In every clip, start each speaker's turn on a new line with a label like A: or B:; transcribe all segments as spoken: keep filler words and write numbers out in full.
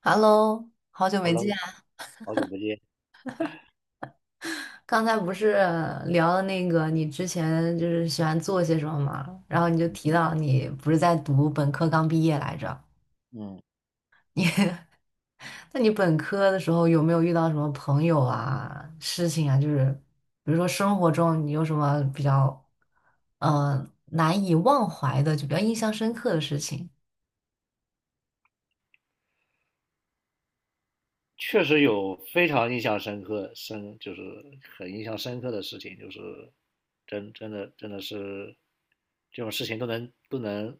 A: Hello，好久没见
B: Hello，
A: 啊。
B: 好久不见。
A: 刚才不是聊了那个你之前就是喜欢做些什么吗？然后你就
B: 嗯
A: 提到你不是在读本科刚毕业来着？
B: 嗯，
A: 那你本科的时候有没有遇到什么朋友啊、事情啊？就是比如说生活中你有什么比较呃难以忘怀的，就比较印象深刻的事情？
B: 确实有非常印象深刻，深就是很印象深刻的事情，就是真真的真的是这种事情都能都能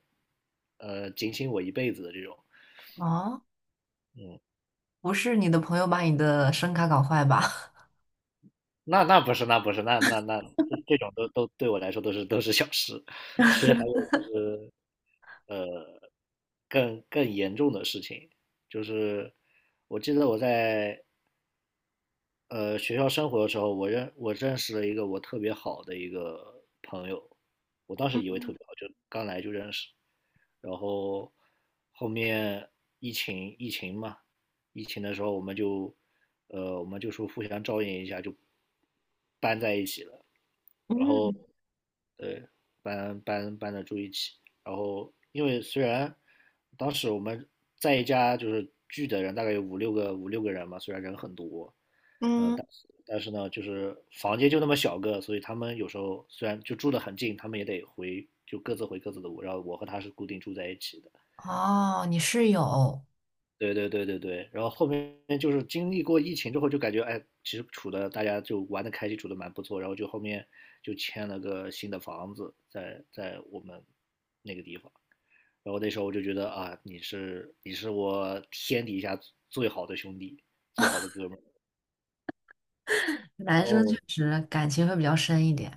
B: 呃警醒我一辈子的这种。
A: 哦，
B: 嗯，
A: 不是你的朋友把你的声卡搞坏吧？
B: 那那不是那不是那那那这这种都都对我来说都是都是小事，其实还有更更严重的事情，就是我记得我在呃，学校生活的时候，我认我认识了一个我特别好的一个朋友，我当时以为特别好，就刚来就认识，然后后面疫情疫情嘛，疫情的时候我们就，呃，我们就说互相照应一下，就搬在一起了，然后
A: 嗯
B: 对，搬搬搬的住一起。然后，因为虽然当时我们在一家就是聚的人大概有五六个五六个人嘛，虽然人很多，呃，
A: 嗯，
B: 但是但是呢，就是房间就那么小个，所以他们有时候虽然就住得很近，他们也得回就各自回各自的屋。然后我和他是固定住在一起的。
A: 哦，你室友。
B: 对对对对对，然后后面就是经历过疫情之后，就感觉哎，其实处的大家就玩的开心，处的蛮不错，然后就后面就签了个新的房子在在我们那个地方，然后那时候我就觉得啊，你是你是我天底下最好的兄弟，最好的哥们儿。
A: 男生确
B: 哦，
A: 实感情会比较深一点，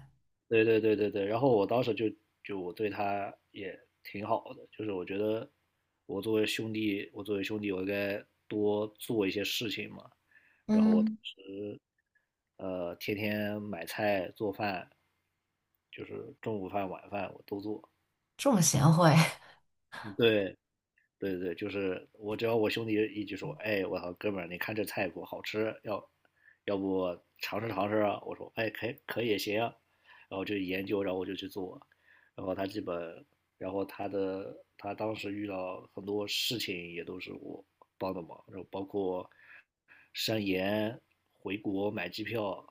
B: 对对对对对，然后我当时就就我对他也挺好的，就是我觉得我作为兄弟，我作为兄弟，我应该多做一些事情嘛。然后我当
A: 嗯，
B: 时呃，天天买菜做饭，就是中午饭晚饭我都做。
A: 这么贤惠，
B: 对对对，就是我只要我兄弟一句说，哎，我操，哥们儿，你看这菜谱好吃，要要不尝试尝试啊？我说，哎，可以可以也行啊。然后就研究，然后我就去做，然后他基本，然后他的他当时遇到很多事情也都是我帮的忙，然后包括上延回国买机票，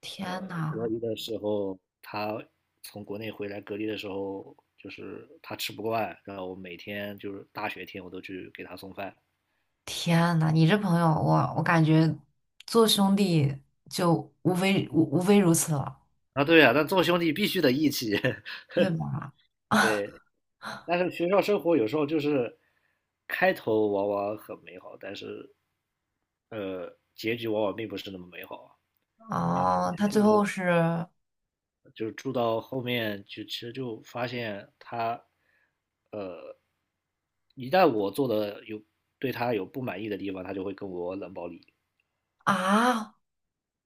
A: 天
B: 呃，隔
A: 呐，
B: 离的时候他从国内回来隔离的时候，就是他吃不惯，然后我每天就是大雪天我都去给他送饭
A: 天呐，你这朋友，我我感觉做兄弟就无非无无非如此了，
B: 啊。对啊，但做兄弟必须得义气，
A: 对吧？
B: 对。但是学校生活有时候就是开头往往很美好，但是呃，结局往往并不是那么美好。
A: 哦，他最后是
B: 就是住到后面就其实就发现他，呃，一旦我做的有对他有不满意的地方，他就会跟我冷暴力。
A: 啊，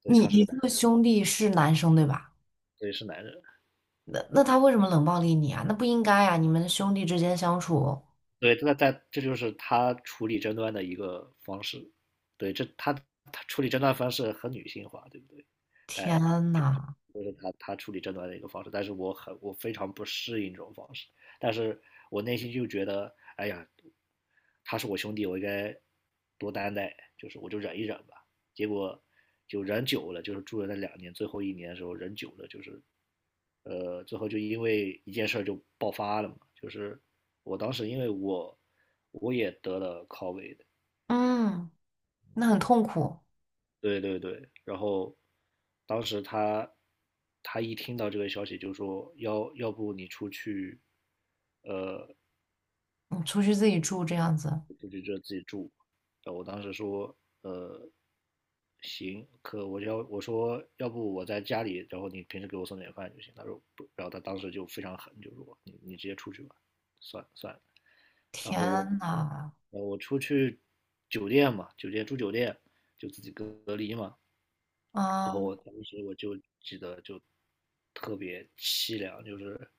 B: 所以
A: 你
B: 他是
A: 你
B: 个
A: 这
B: 男
A: 个
B: 人，
A: 兄弟是男生对吧？
B: 所以是男人。
A: 那那他为什么冷暴力你啊？那不应该啊，你们兄弟之间相处，
B: 对，那在这就是他处理争端的一个方式。对，这他他处理争端方式很女性化，对不对？但
A: 天
B: 就
A: 呐，
B: 就是他他处理争端的一个方式，但是我很我非常不适应这种方式，但是我内心就觉得，哎呀，他是我兄弟，我应该多担待，就是我就忍一忍吧。结果就人久了，就是住了那两年，最后一年的时候人久了，就是呃，最后就因为一件事就爆发了嘛，就是我当时因为我我也得了 C O V I D,
A: 嗯，那很痛苦，
B: 对对对，然后当时他他一听到这个消息就说要要不你出去
A: 你出去自己住这样子，
B: 呃我当时说，呃，行，可我要我说，要不我在家里，然后你平时给我送点饭就行。他说不，然后他当时就非常狠，就说你你直接出去吧，算算了。然
A: 天
B: 后我，
A: 呐，
B: 呃，我出去酒店嘛，酒店住酒店，就自己隔隔离嘛。然后
A: 啊。
B: 我当时我就记得就特别凄凉，就是，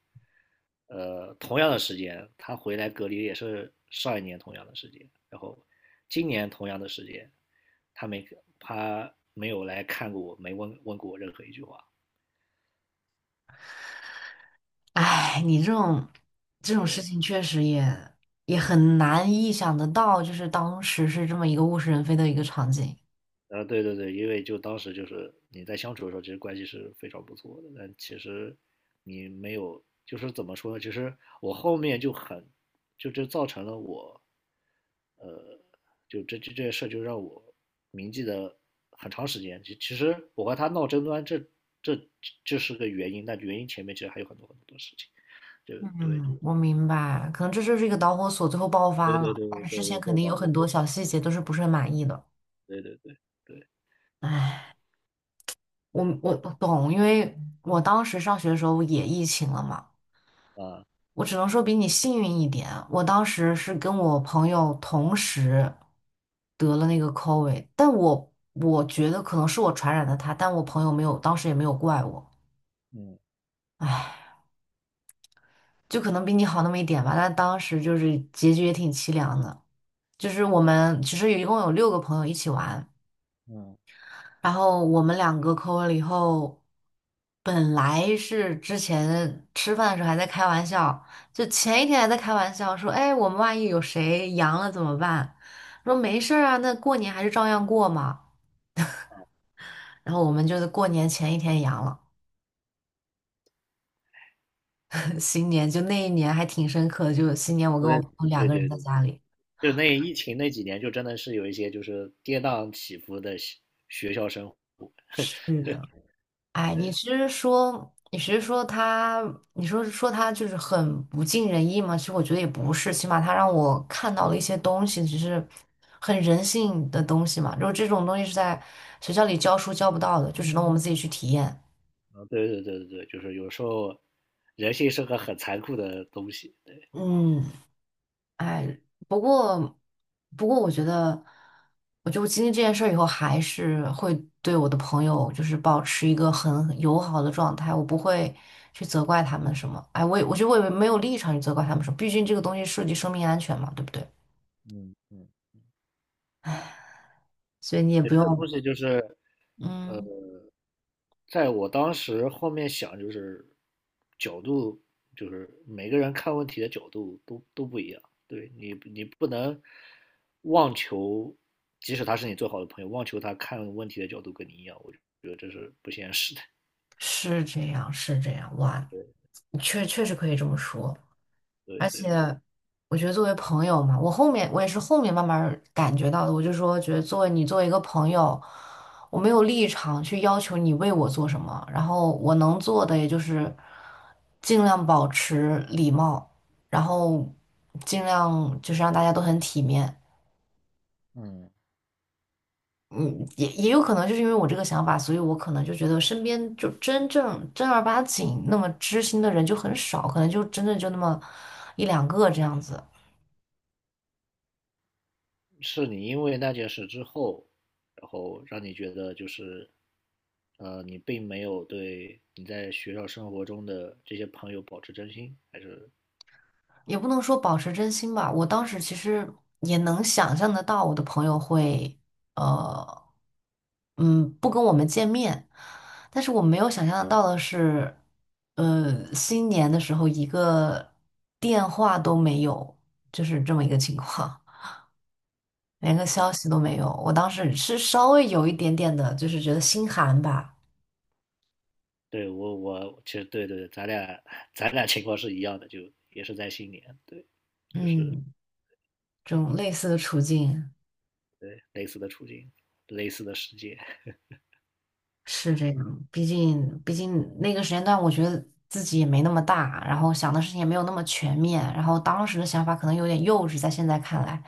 B: 呃，同样的时间，他回来隔离也是上一年同样的时间，然后今年同样的时间，他没他没有来看过我，没问问过我任何一句话。
A: 哎，你这种这种事情确实也也很难意想得到，就是当时是这么一个物是人非的一个场景。
B: 啊，对对对，因为就当时就是你在相处的时候，其实关系是非常不错的，但其实你没有，就是怎么说呢？其实我后面就很，就这造成了我，呃，就这这这件事就让我铭记的很长时间。其其实我和他闹争端，这这这是个原因，但原因前面其实还有很多很多事情。就对，就
A: 嗯，我明白，可能这就是一个导火索，最后爆发
B: 对
A: 了。
B: 对对
A: 但是
B: 对
A: 之前
B: 对，
A: 肯
B: 这
A: 定有
B: 导致我
A: 很多小细节都是不是很满意的。
B: 对对对对，
A: 哎，我我
B: 嗯
A: 我懂，因为我当时上学的时候也疫情了嘛。
B: 啊
A: 我只能说比你幸运一点。我当时是跟我朋友同时得了那个 C O V I D，但我我觉得可能是我传染的他，但我朋友没有，当时也没有怪我。
B: 嗯，
A: 唉，就可能比你好那么一点吧，但当时就是结局也挺凄凉的。就是我们其实一共有六个朋友一起玩，然后我们两个抠完了以后，本来是之前吃饭的时候还在开玩笑，就前一天还在开玩笑说，哎，我们万一有谁阳了怎么办？说没事儿啊，那过年还是照样过嘛。然后我们就是过年前一天阳了，新年就那一年还挺深刻的，就新年我跟
B: 所
A: 我
B: 以
A: 朋友两
B: 对
A: 个人
B: 对
A: 在
B: 对。
A: 家里。
B: 就那疫情那几年，就真的是有一些就是跌宕起伏的学校生活。
A: 是的。哎，你
B: 对，
A: 是说你是说他，你说说他就是很不尽人意吗？其实我觉得也不是，起码他让我看到了一些东西，只是很人性的东西嘛。就是这种东西是在学校里教书教不到的，就只能我们自己去体验。
B: 啊，对对对对对，就是有时候人性是个很残酷的东西。对，
A: 嗯，不过，不过我觉得，我就经历这件事儿以后，还是会对我的朋友就是保持一个很友好的状态，我不会去责怪他们什么。哎，我也我觉得我也没有立场去责怪他们什么，毕竟这个东西涉及生命安全嘛，对不对？
B: 嗯嗯
A: 所以你也
B: 对
A: 不
B: 这个东
A: 用，
B: 西就是
A: 嗯，
B: 在我当时后面想，就是角度，就是每个人看问题的角度都都不一样。对你，你不能妄求，即使他是你最好的朋友，妄求他看问题的角度跟你一样，我觉得这是不现实的。
A: 是这样，是这样，哇，确确实可以这么说。而
B: 对
A: 且
B: 对。
A: 我觉得作为朋友嘛，我后面我也是后面慢慢儿感觉到的，我就说觉得作为你作为一个朋友，我没有立场去要求你为我做什么，然后我能做的也就是尽量保持礼貌，然后尽量就是让大家都很体面。
B: 嗯，
A: 嗯，也也有可能就是因为我这个想法，所以我可能就觉得身边就真正正儿八经那么知心的人就很少，可能就真的就那么一两个这样子。
B: 是你因为那件事之后，然后让你觉得就是，呃，你并没有对你在学校生活中的这些朋友保持真心，还是
A: 也不能说保持真心吧，我当时其实也能想象得到我的朋友会，呃，嗯，不跟我们见面，但是我没有想象得到的是，呃，新年的时候一个电话都没有，就是这么一个情况，连个消息都没有。我当时是稍微有一点点的，就是觉得心寒吧，
B: 对我我其实对对，咱俩咱俩情况是一样的，就也是在新年，对，就是
A: 嗯，这种类似的处境。
B: 对类似的处境，类似的世界，
A: 是这样，毕竟毕竟那个时间段，我觉得自己也没那么大，然后想的事情也没有那么全面，然后当时的想法可能有点幼稚，在现在看来，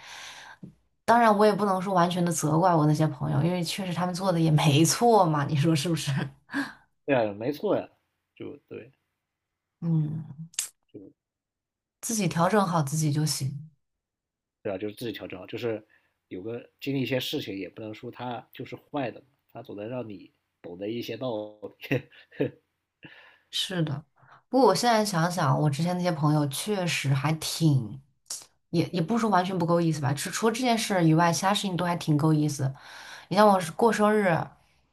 A: 当然我也不能说完全的责怪我那些朋友，因为确实他们做的也没错嘛，你说是不是？
B: 对啊，没错呀、啊就对，
A: 嗯，
B: 就
A: 自己调
B: 嗯。
A: 整好自己就行。
B: 对吧？就是自己调整好，就是有个经历一些事情，也不能说他就是坏的，他总能让你懂得一些道理，
A: 是的，不过我现在想想，我之前那些朋友确实还挺，也也不说完全不够意思吧，除除了这件事以外，其他事情都还挺够意思。你像我是过生日，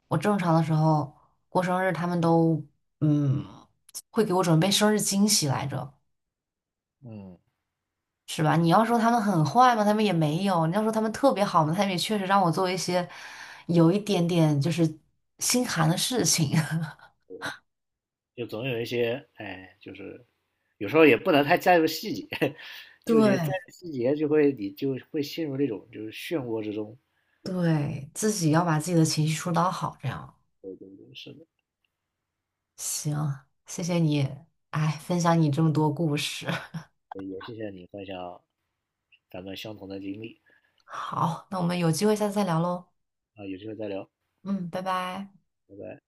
A: 我正常的时候过生日，他们都嗯会给我准备生日惊喜来着，
B: 嗯，
A: 是吧？你要说他们很坏嘛，他们也没有；你要说他们特别好嘛，他们也确实让我做一些有一点点就是心寒的事情。
B: 就总有一些，哎，就是有时候也不能太在乎细节，就觉得在
A: 对，
B: 乎细节就会你就会陷入那种就是漩涡之中。
A: 对，自己要把自己的情绪疏导好，这样
B: 对对对，是的，
A: 行。谢谢你，哎，分享你这么多故事。
B: 也谢谢你分享咱们相同的经历
A: 好，那我们有机会下次再聊喽。
B: 啊，有机会再聊，
A: 嗯，拜拜。
B: 拜拜。